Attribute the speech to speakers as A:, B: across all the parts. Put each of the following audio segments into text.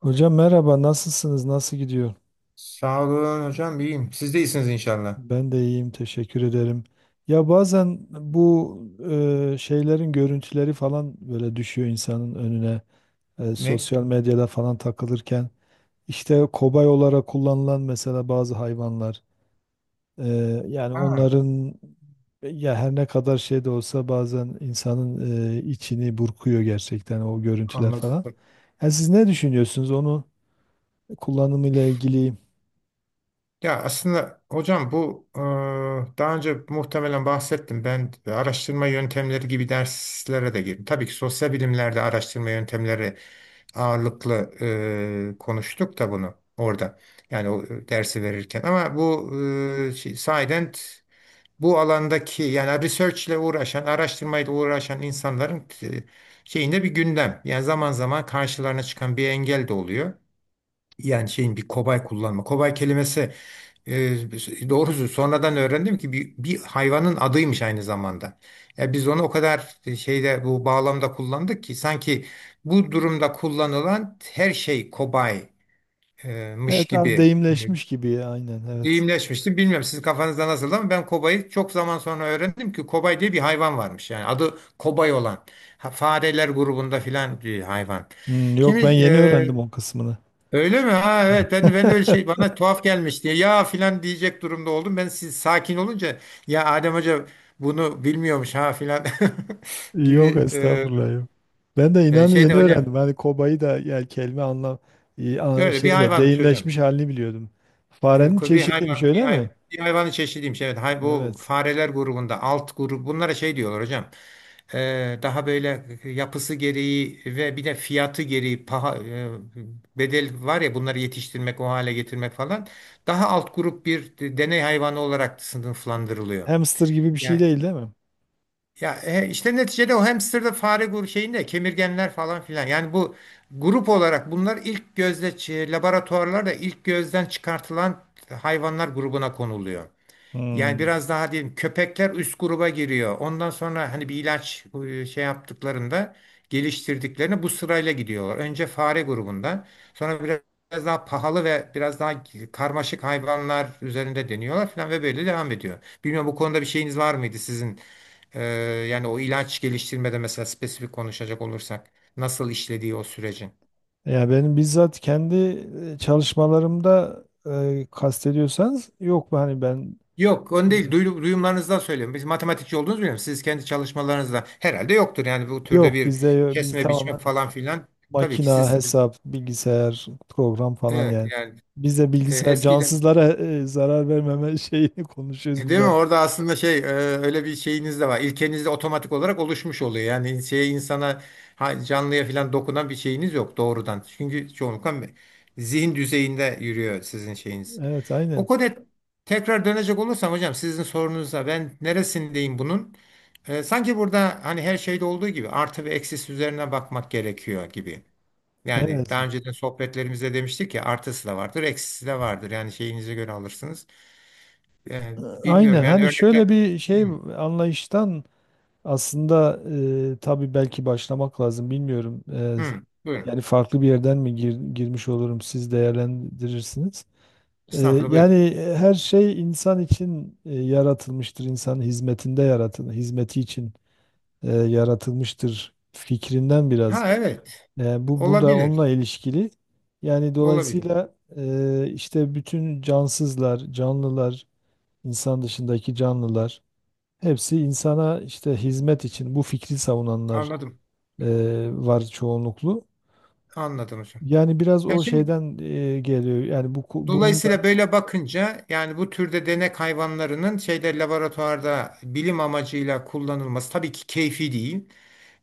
A: Hocam merhaba, nasılsınız? Nasıl gidiyor?
B: Sağ olun hocam iyiyim. Siz de iyisiniz inşallah.
A: Ben de iyiyim, teşekkür ederim. Ya bazen bu şeylerin görüntüleri falan böyle düşüyor insanın önüne.
B: Ne?
A: Sosyal medyada falan takılırken işte kobay olarak kullanılan mesela bazı hayvanlar. E, Yani
B: Ha,
A: onların ya her ne kadar şey de olsa bazen insanın içini burkuyor gerçekten o görüntüler falan.
B: anladım.
A: Yani siz ne düşünüyorsunuz onu kullanımıyla ilgili?
B: Ya aslında hocam bu daha önce muhtemelen bahsettim. Ben araştırma yöntemleri gibi derslere de girdim. Tabii ki sosyal bilimlerde araştırma yöntemleri ağırlıklı konuştuk da bunu orada. Yani o dersi verirken. Ama bu şey, sahiden bu alandaki yani research ile uğraşan, araştırmayla uğraşan insanların şeyinde bir gündem. Yani zaman zaman karşılarına çıkan bir engel de oluyor. Yani şeyin bir kobay kullanma. Kobay kelimesi e, doğrusu sonradan öğrendim ki bir hayvanın adıymış aynı zamanda. Ya biz onu o kadar şeyde bu bağlamda kullandık ki sanki bu durumda kullanılan her şey kobaymış
A: Evet
B: gibi
A: abi, deyimleşmiş gibi ya, aynen, evet.
B: deyimleşmiştim. Bilmiyorum sizin kafanızda nasıl ama ben kobayı çok zaman sonra öğrendim ki kobay diye bir hayvan varmış. Yani adı kobay olan. Ha, fareler grubunda filan bir hayvan.
A: Hmm, yok, ben
B: Şimdi
A: yeni öğrendim o kısmını.
B: öyle mi? Ha evet ben de öyle şey bana tuhaf gelmiş diye ya filan diyecek durumda oldum. Ben siz sakin olunca ya Adem Hoca bunu bilmiyormuş ha filan
A: Yok
B: gibi
A: estağfurullah, yok. Ben de inanın
B: şeyde
A: yeni
B: hocam.
A: öğrendim. Hani kobayı da yani kelime anlam
B: Böyle bir
A: şeyle
B: hayvanmış hocam.
A: deyimleşmiş halini biliyordum. Farenin
B: Bir
A: çeşidiymiş,
B: hayvan, bir
A: öyle mi?
B: hayvan, bir hayvanın çeşidiymiş. Evet, hay, bu
A: Evet.
B: fareler grubunda, alt grup, bunlara şey diyorlar hocam. Daha böyle yapısı gereği ve bir de fiyatı gereği bedel var ya bunları yetiştirmek, o hale getirmek falan. Daha alt grup bir deney hayvanı olarak sınıflandırılıyor.
A: Hamster gibi bir şey
B: Yani
A: değil, değil mi?
B: ya işte neticede o hamsterda fare grubu şeyinde kemirgenler falan filan. Yani bu grup olarak bunlar laboratuvarlarda ilk gözden çıkartılan hayvanlar grubuna konuluyor. Yani
A: Hmm.
B: biraz daha diyelim köpekler üst gruba giriyor. Ondan sonra hani bir ilaç şey yaptıklarında geliştirdiklerini bu sırayla gidiyorlar. Önce fare grubunda, sonra biraz daha pahalı ve biraz daha karmaşık hayvanlar üzerinde deniyorlar falan ve böyle devam ediyor. Bilmiyorum bu konuda bir şeyiniz var mıydı sizin? Ee, Yani o ilaç geliştirmede mesela spesifik konuşacak olursak nasıl işlediği o sürecin?
A: Ya benim bizzat kendi çalışmalarımda kastediyorsanız, yok, hani ben
B: Yok, onu değil. Duyumlarınızdan söylüyorum. Biz matematikçi olduğunuzu biliyorum. Siz kendi çalışmalarınızda herhalde yoktur. Yani bu türde
A: yok,
B: bir
A: bizde biz
B: kesme biçme
A: tamamen
B: falan filan. Tabii ki
A: makina,
B: siz
A: hesap, bilgisayar, program falan
B: evet
A: yani.
B: yani
A: Biz de bilgisayar
B: eskiden
A: cansızlara zarar vermeme şeyini konuşuyoruz biz
B: değil mi?
A: de.
B: Orada aslında şey öyle bir şeyiniz de var. İlkeniz de otomatik olarak oluşmuş oluyor. Yani şeye insana canlıya filan dokunan bir şeyiniz yok doğrudan. Çünkü çoğunlukla zihin düzeyinde yürüyor sizin şeyiniz.
A: Evet,
B: O
A: aynen.
B: konuya tekrar dönecek olursam hocam sizin sorunuza ben neresindeyim bunun? Sanki burada hani her şeyde olduğu gibi artı ve eksisi üzerine bakmak gerekiyor gibi. Yani
A: Evet.
B: daha önceden sohbetlerimizde demiştik ya artısı da vardır, eksisi de vardır. Yani şeyinize göre alırsınız. Ee, Bilmiyorum
A: Aynen.
B: yani
A: Hani
B: örnekler.
A: şöyle bir
B: Hı,
A: şey anlayıştan aslında tabii belki başlamak lazım. Bilmiyorum.
B: hı, buyurun.
A: Yani farklı bir yerden mi girmiş olurum siz değerlendirirsiniz. Ee,
B: Estağfurullah
A: Yani
B: buyurun.
A: her şey insan için yaratılmıştır. İnsanın hizmetinde yaratılır, hizmeti için yaratılmıştır fikrinden biraz.
B: Ha evet
A: Bu burada da onunla
B: olabilir,
A: ilişkili. Yani
B: olabilir.
A: dolayısıyla işte bütün cansızlar, canlılar, insan dışındaki canlılar hepsi insana işte hizmet için bu fikri savunanlar
B: Anladım,
A: e, var çoğunluklu.
B: anladım hocam.
A: Yani biraz
B: Ya
A: o
B: şimdi
A: şeyden geliyor. Yani bu bunun da
B: dolayısıyla böyle bakınca yani bu türde denek hayvanlarının şeyde laboratuvarda bilim amacıyla kullanılması tabii ki keyfi değil.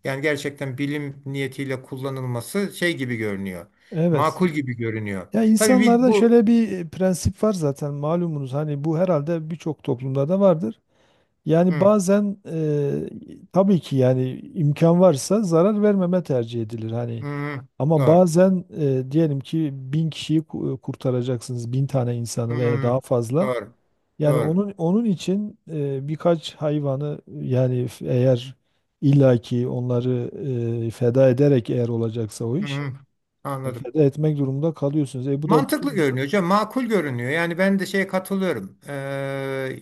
B: Yani gerçekten bilim niyetiyle kullanılması şey gibi görünüyor.
A: evet.
B: Makul gibi görünüyor.
A: Ya
B: Tabii bir,
A: insanlarda
B: bu
A: şöyle bir prensip var zaten malumunuz. Hani bu herhalde birçok toplumda da vardır. Yani
B: hı,
A: bazen tabii ki yani imkan varsa zarar vermeme tercih edilir hani.
B: hı,
A: Ama
B: doğru.
A: bazen diyelim ki bin kişiyi kurtaracaksınız, bin tane
B: Hı,
A: insanı veya daha fazla.
B: doğru.
A: Yani
B: Doğru.
A: onun için birkaç hayvanı yani eğer illaki onları feda ederek eğer olacaksa o iş,
B: Hı, anladım.
A: feda etmek durumunda kalıyorsunuz. E bu da
B: Mantıklı
A: bütün
B: görünüyor hocam, makul görünüyor. Yani ben de şeye katılıyorum.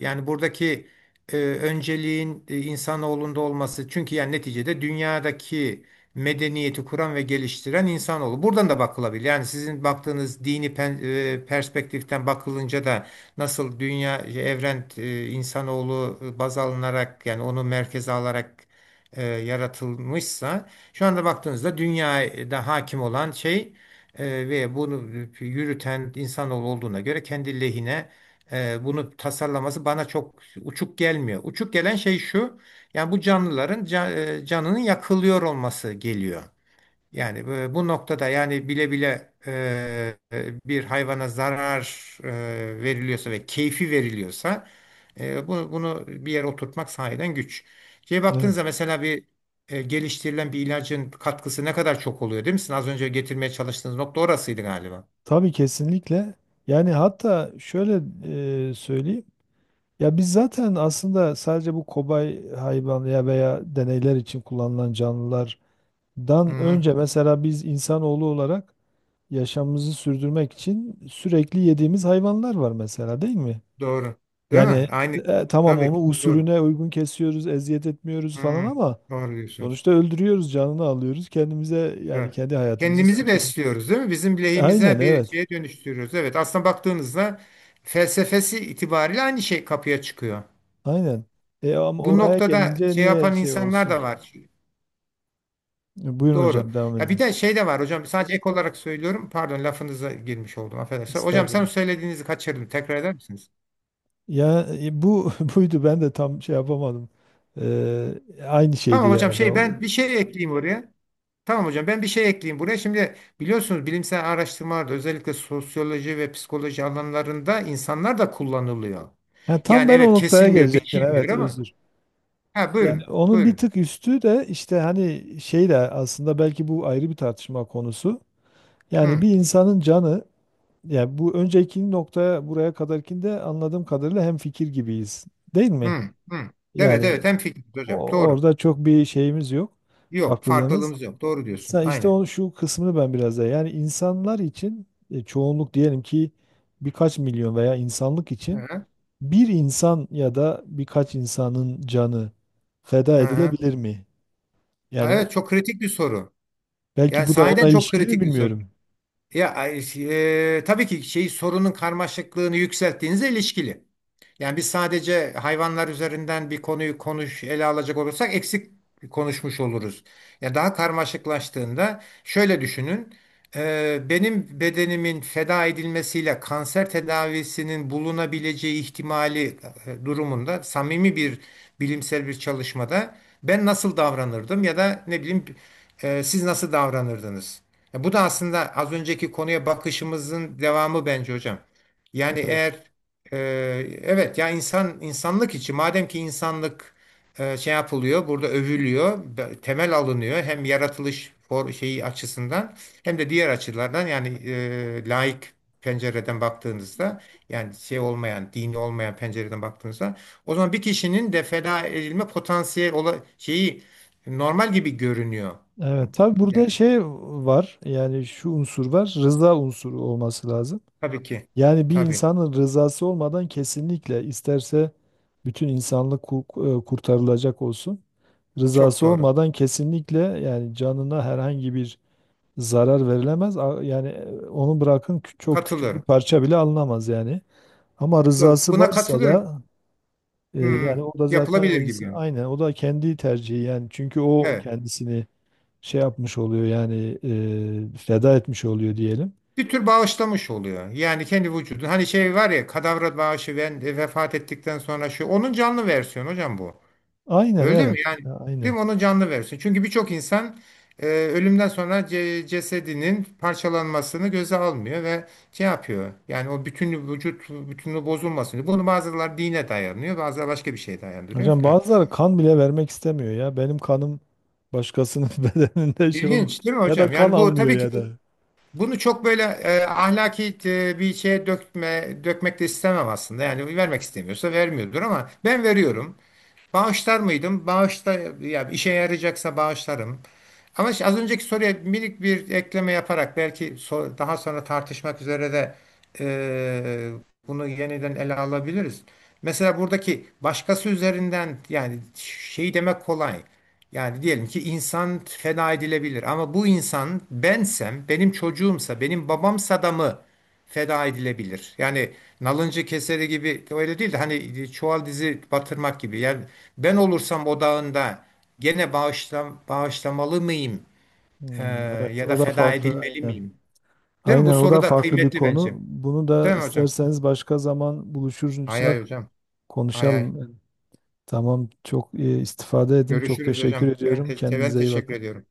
B: Yani buradaki önceliğin insanoğlunda olması. Çünkü yani neticede dünyadaki medeniyeti kuran ve geliştiren insanoğlu. Buradan da bakılabilir. Yani sizin baktığınız perspektiften bakılınca da nasıl dünya, evren, insanoğlu baz alınarak yani onu merkeze alarak yaratılmışsa şu anda baktığınızda dünyada hakim olan şey ve bunu yürüten insanoğlu olduğuna göre kendi lehine bunu tasarlaması bana çok uçuk gelmiyor. Uçuk gelen şey şu, yani bu canlıların canının yakılıyor olması geliyor. Yani bu noktada yani bile bile bir hayvana zarar veriliyorsa ve keyfi veriliyorsa bunu bir yere oturtmak sahiden güç. Şeye baktığınızda
A: evet.
B: mesela geliştirilen bir ilacın katkısı ne kadar çok oluyor değil mi? Sizin az önce getirmeye çalıştığınız nokta orasıydı galiba.
A: Tabii kesinlikle. Yani hatta şöyle söyleyeyim. Ya biz zaten aslında sadece bu kobay hayvan ya veya deneyler için kullanılan canlılardan
B: Hı,
A: önce mesela biz insanoğlu olarak yaşamımızı sürdürmek için sürekli yediğimiz hayvanlar var mesela, değil mi?
B: doğru. Değil mi?
A: Yani
B: Aynı.
A: tamam
B: Tabii
A: onu
B: ki. Doğru.
A: usulüne uygun kesiyoruz, eziyet etmiyoruz falan
B: Hı,
A: ama
B: doğru diyorsunuz.
A: sonuçta öldürüyoruz, canını alıyoruz. Kendimize yani
B: Evet.
A: kendi hayatımızı
B: Kendimizi
A: sürdürüyoruz.
B: besliyoruz değil mi? Bizim
A: Aynen
B: lehimize bir
A: evet.
B: şeye dönüştürüyoruz. Evet, aslında baktığınızda felsefesi itibariyle aynı şey kapıya çıkıyor.
A: Aynen. E ama
B: Bu
A: oraya
B: noktada
A: gelince
B: şey
A: niye
B: yapan
A: şey
B: insanlar
A: olsun
B: da
A: ki?
B: var.
A: E, buyurun
B: Doğru.
A: hocam, devam
B: Ya bir de
A: ediniz.
B: şey de var hocam sadece ek olarak söylüyorum. Pardon lafınıza girmiş oldum affedersiniz. Hocam sen
A: Estağfurullah.
B: söylediğinizi kaçırdım. Tekrar eder misiniz?
A: Ya bu buydu, ben de tam şey yapamadım. Ee, Aynı
B: Tamam
A: şeydi
B: hocam
A: herhalde.
B: şey
A: O-
B: ben bir şey ekleyeyim oraya. Tamam hocam ben bir şey ekleyeyim buraya. Şimdi biliyorsunuz bilimsel araştırmalarda özellikle sosyoloji ve psikoloji alanlarında insanlar da kullanılıyor.
A: Ha, tam
B: Yani
A: ben o
B: evet
A: noktaya
B: kesilmiyor,
A: gelecektim.
B: biçilmiyor
A: Evet,
B: ama.
A: özür.
B: Ha
A: Yani
B: buyurun,
A: onun bir
B: buyurun.
A: tık üstü de işte hani şey de aslında belki bu ayrı bir tartışma konusu. Yani
B: Hı,
A: bir insanın canı, yani bu önceki noktaya buraya kadarkinde anladığım kadarıyla hemfikir gibiyiz. Değil mi?
B: hı, hı. Evet
A: Yani
B: evet hemfikiriz hocam. Doğru.
A: orada çok bir şeyimiz yok.
B: Yok
A: Farklılığımız.
B: farklılığımız yok. Doğru diyorsunuz.
A: Sen işte
B: Aynen.
A: o şu kısmını ben biraz daha yani insanlar için çoğunluk diyelim ki birkaç milyon veya insanlık
B: Hı
A: için
B: hı.
A: bir insan ya da birkaç insanın canı feda
B: Hı hı.
A: edilebilir mi?
B: Ha,
A: Yani
B: evet çok kritik bir soru.
A: belki
B: Yani
A: bu da
B: sahiden
A: onunla
B: çok
A: ilişkili mi
B: kritik bir soru.
A: bilmiyorum.
B: Ya ay, şey, tabii ki şey sorunun karmaşıklığını yükselttiğinizle ilişkili. Yani biz sadece hayvanlar üzerinden bir konuyu ele alacak olursak eksik konuşmuş oluruz. Ya daha karmaşıklaştığında şöyle düşünün. Benim bedenimin feda edilmesiyle kanser tedavisinin bulunabileceği ihtimali durumunda samimi bir bilimsel bir çalışmada ben nasıl davranırdım ya da ne bileyim siz nasıl davranırdınız? Ya bu da aslında az önceki konuya bakışımızın devamı bence hocam. Yani
A: Evet.
B: eğer evet ya insanlık için madem ki insanlık şey yapılıyor burada övülüyor temel alınıyor hem yaratılış for şeyi açısından hem de diğer açılardan yani laik pencereden baktığınızda yani şey olmayan dini olmayan pencereden baktığınızda o zaman bir kişinin de feda edilme potansiyel şeyi normal gibi görünüyor.
A: Evet tabii burada
B: Yani
A: şey var, yani şu unsur var, rıza unsuru olması lazım.
B: tabii ki
A: Yani bir
B: tabii
A: insanın rızası olmadan kesinlikle, isterse bütün insanlık kurtarılacak olsun.
B: çok
A: Rızası
B: doğru
A: olmadan kesinlikle yani canına herhangi bir zarar verilemez. A- Yani onu bırakın, çok küçük bir
B: katılıyorum.
A: parça bile alınamaz yani. Ama
B: Doğru.
A: rızası
B: Buna
A: varsa
B: katılıyorum.
A: da
B: Hmm,
A: yani o da zaten o
B: Yapılabilir gibi
A: insan
B: görünüyor.
A: aynen o da kendi tercihi yani çünkü o
B: Evet.
A: kendisini şey yapmış oluyor yani feda etmiş oluyor diyelim.
B: Bir tür bağışlamış oluyor. Yani kendi vücudunu. Hani şey var ya kadavra bağışı ben de vefat ettikten sonra şu. Onun canlı versiyonu hocam bu.
A: Aynen
B: Öldü mü?
A: evet.
B: Yani değil
A: Aynen.
B: mi? Onun canlı versiyonu. Çünkü birçok insan ölümden sonra cesedinin parçalanmasını göze almıyor ve şey yapıyor. Yani o bütün vücut bütünlüğü bozulmasın. Bunu bazıları dine dayanıyor. Bazıları başka bir şeye dayandırıyor
A: Hocam
B: filan.
A: bazıları kan bile vermek istemiyor ya. Benim kanım başkasının bedeninde şey olmaz.
B: İlginç değil mi
A: Ya da
B: hocam?
A: kan
B: Yani bu
A: almıyor
B: tabii ki
A: ya da.
B: bunu çok böyle ahlaki bir şeye dökmek de istemem aslında. Yani vermek istemiyorsa vermiyordur ama ben veriyorum. Bağışlar mıydım? Ya işe yarayacaksa bağışlarım. Ama işte az önceki soruya minik bir ekleme yaparak belki daha sonra tartışmak üzere de e, bunu yeniden ele alabiliriz. Mesela buradaki başkası üzerinden yani şeyi demek kolay. Yani diyelim ki insan feda edilebilir ama bu insan bensem, benim çocuğumsa, benim babamsa da mı? Feda edilebilir. Yani nalıncı keseri gibi öyle değil de hani çuval dizi batırmak gibi. Yani ben olursam odağında gene bağışlamalı mıyım? Ee,
A: Hmm, evet,
B: Ya da
A: o da
B: feda
A: farklı,
B: edilmeli
A: aynen.
B: miyim? Değil mi? Bu
A: Aynen, o
B: soru
A: da
B: da
A: farklı bir
B: kıymetli
A: konu.
B: bence.
A: Bunu da
B: Değil mi hocam?
A: isterseniz başka zaman
B: Hay hay
A: buluşursak
B: hocam. Hay hay.
A: konuşalım. Tamam, çok istifade edin. Çok
B: Görüşürüz
A: teşekkür
B: hocam. Ben,
A: ediyorum.
B: te ben
A: Kendinize iyi
B: teşekkür
A: bakın.
B: ediyorum.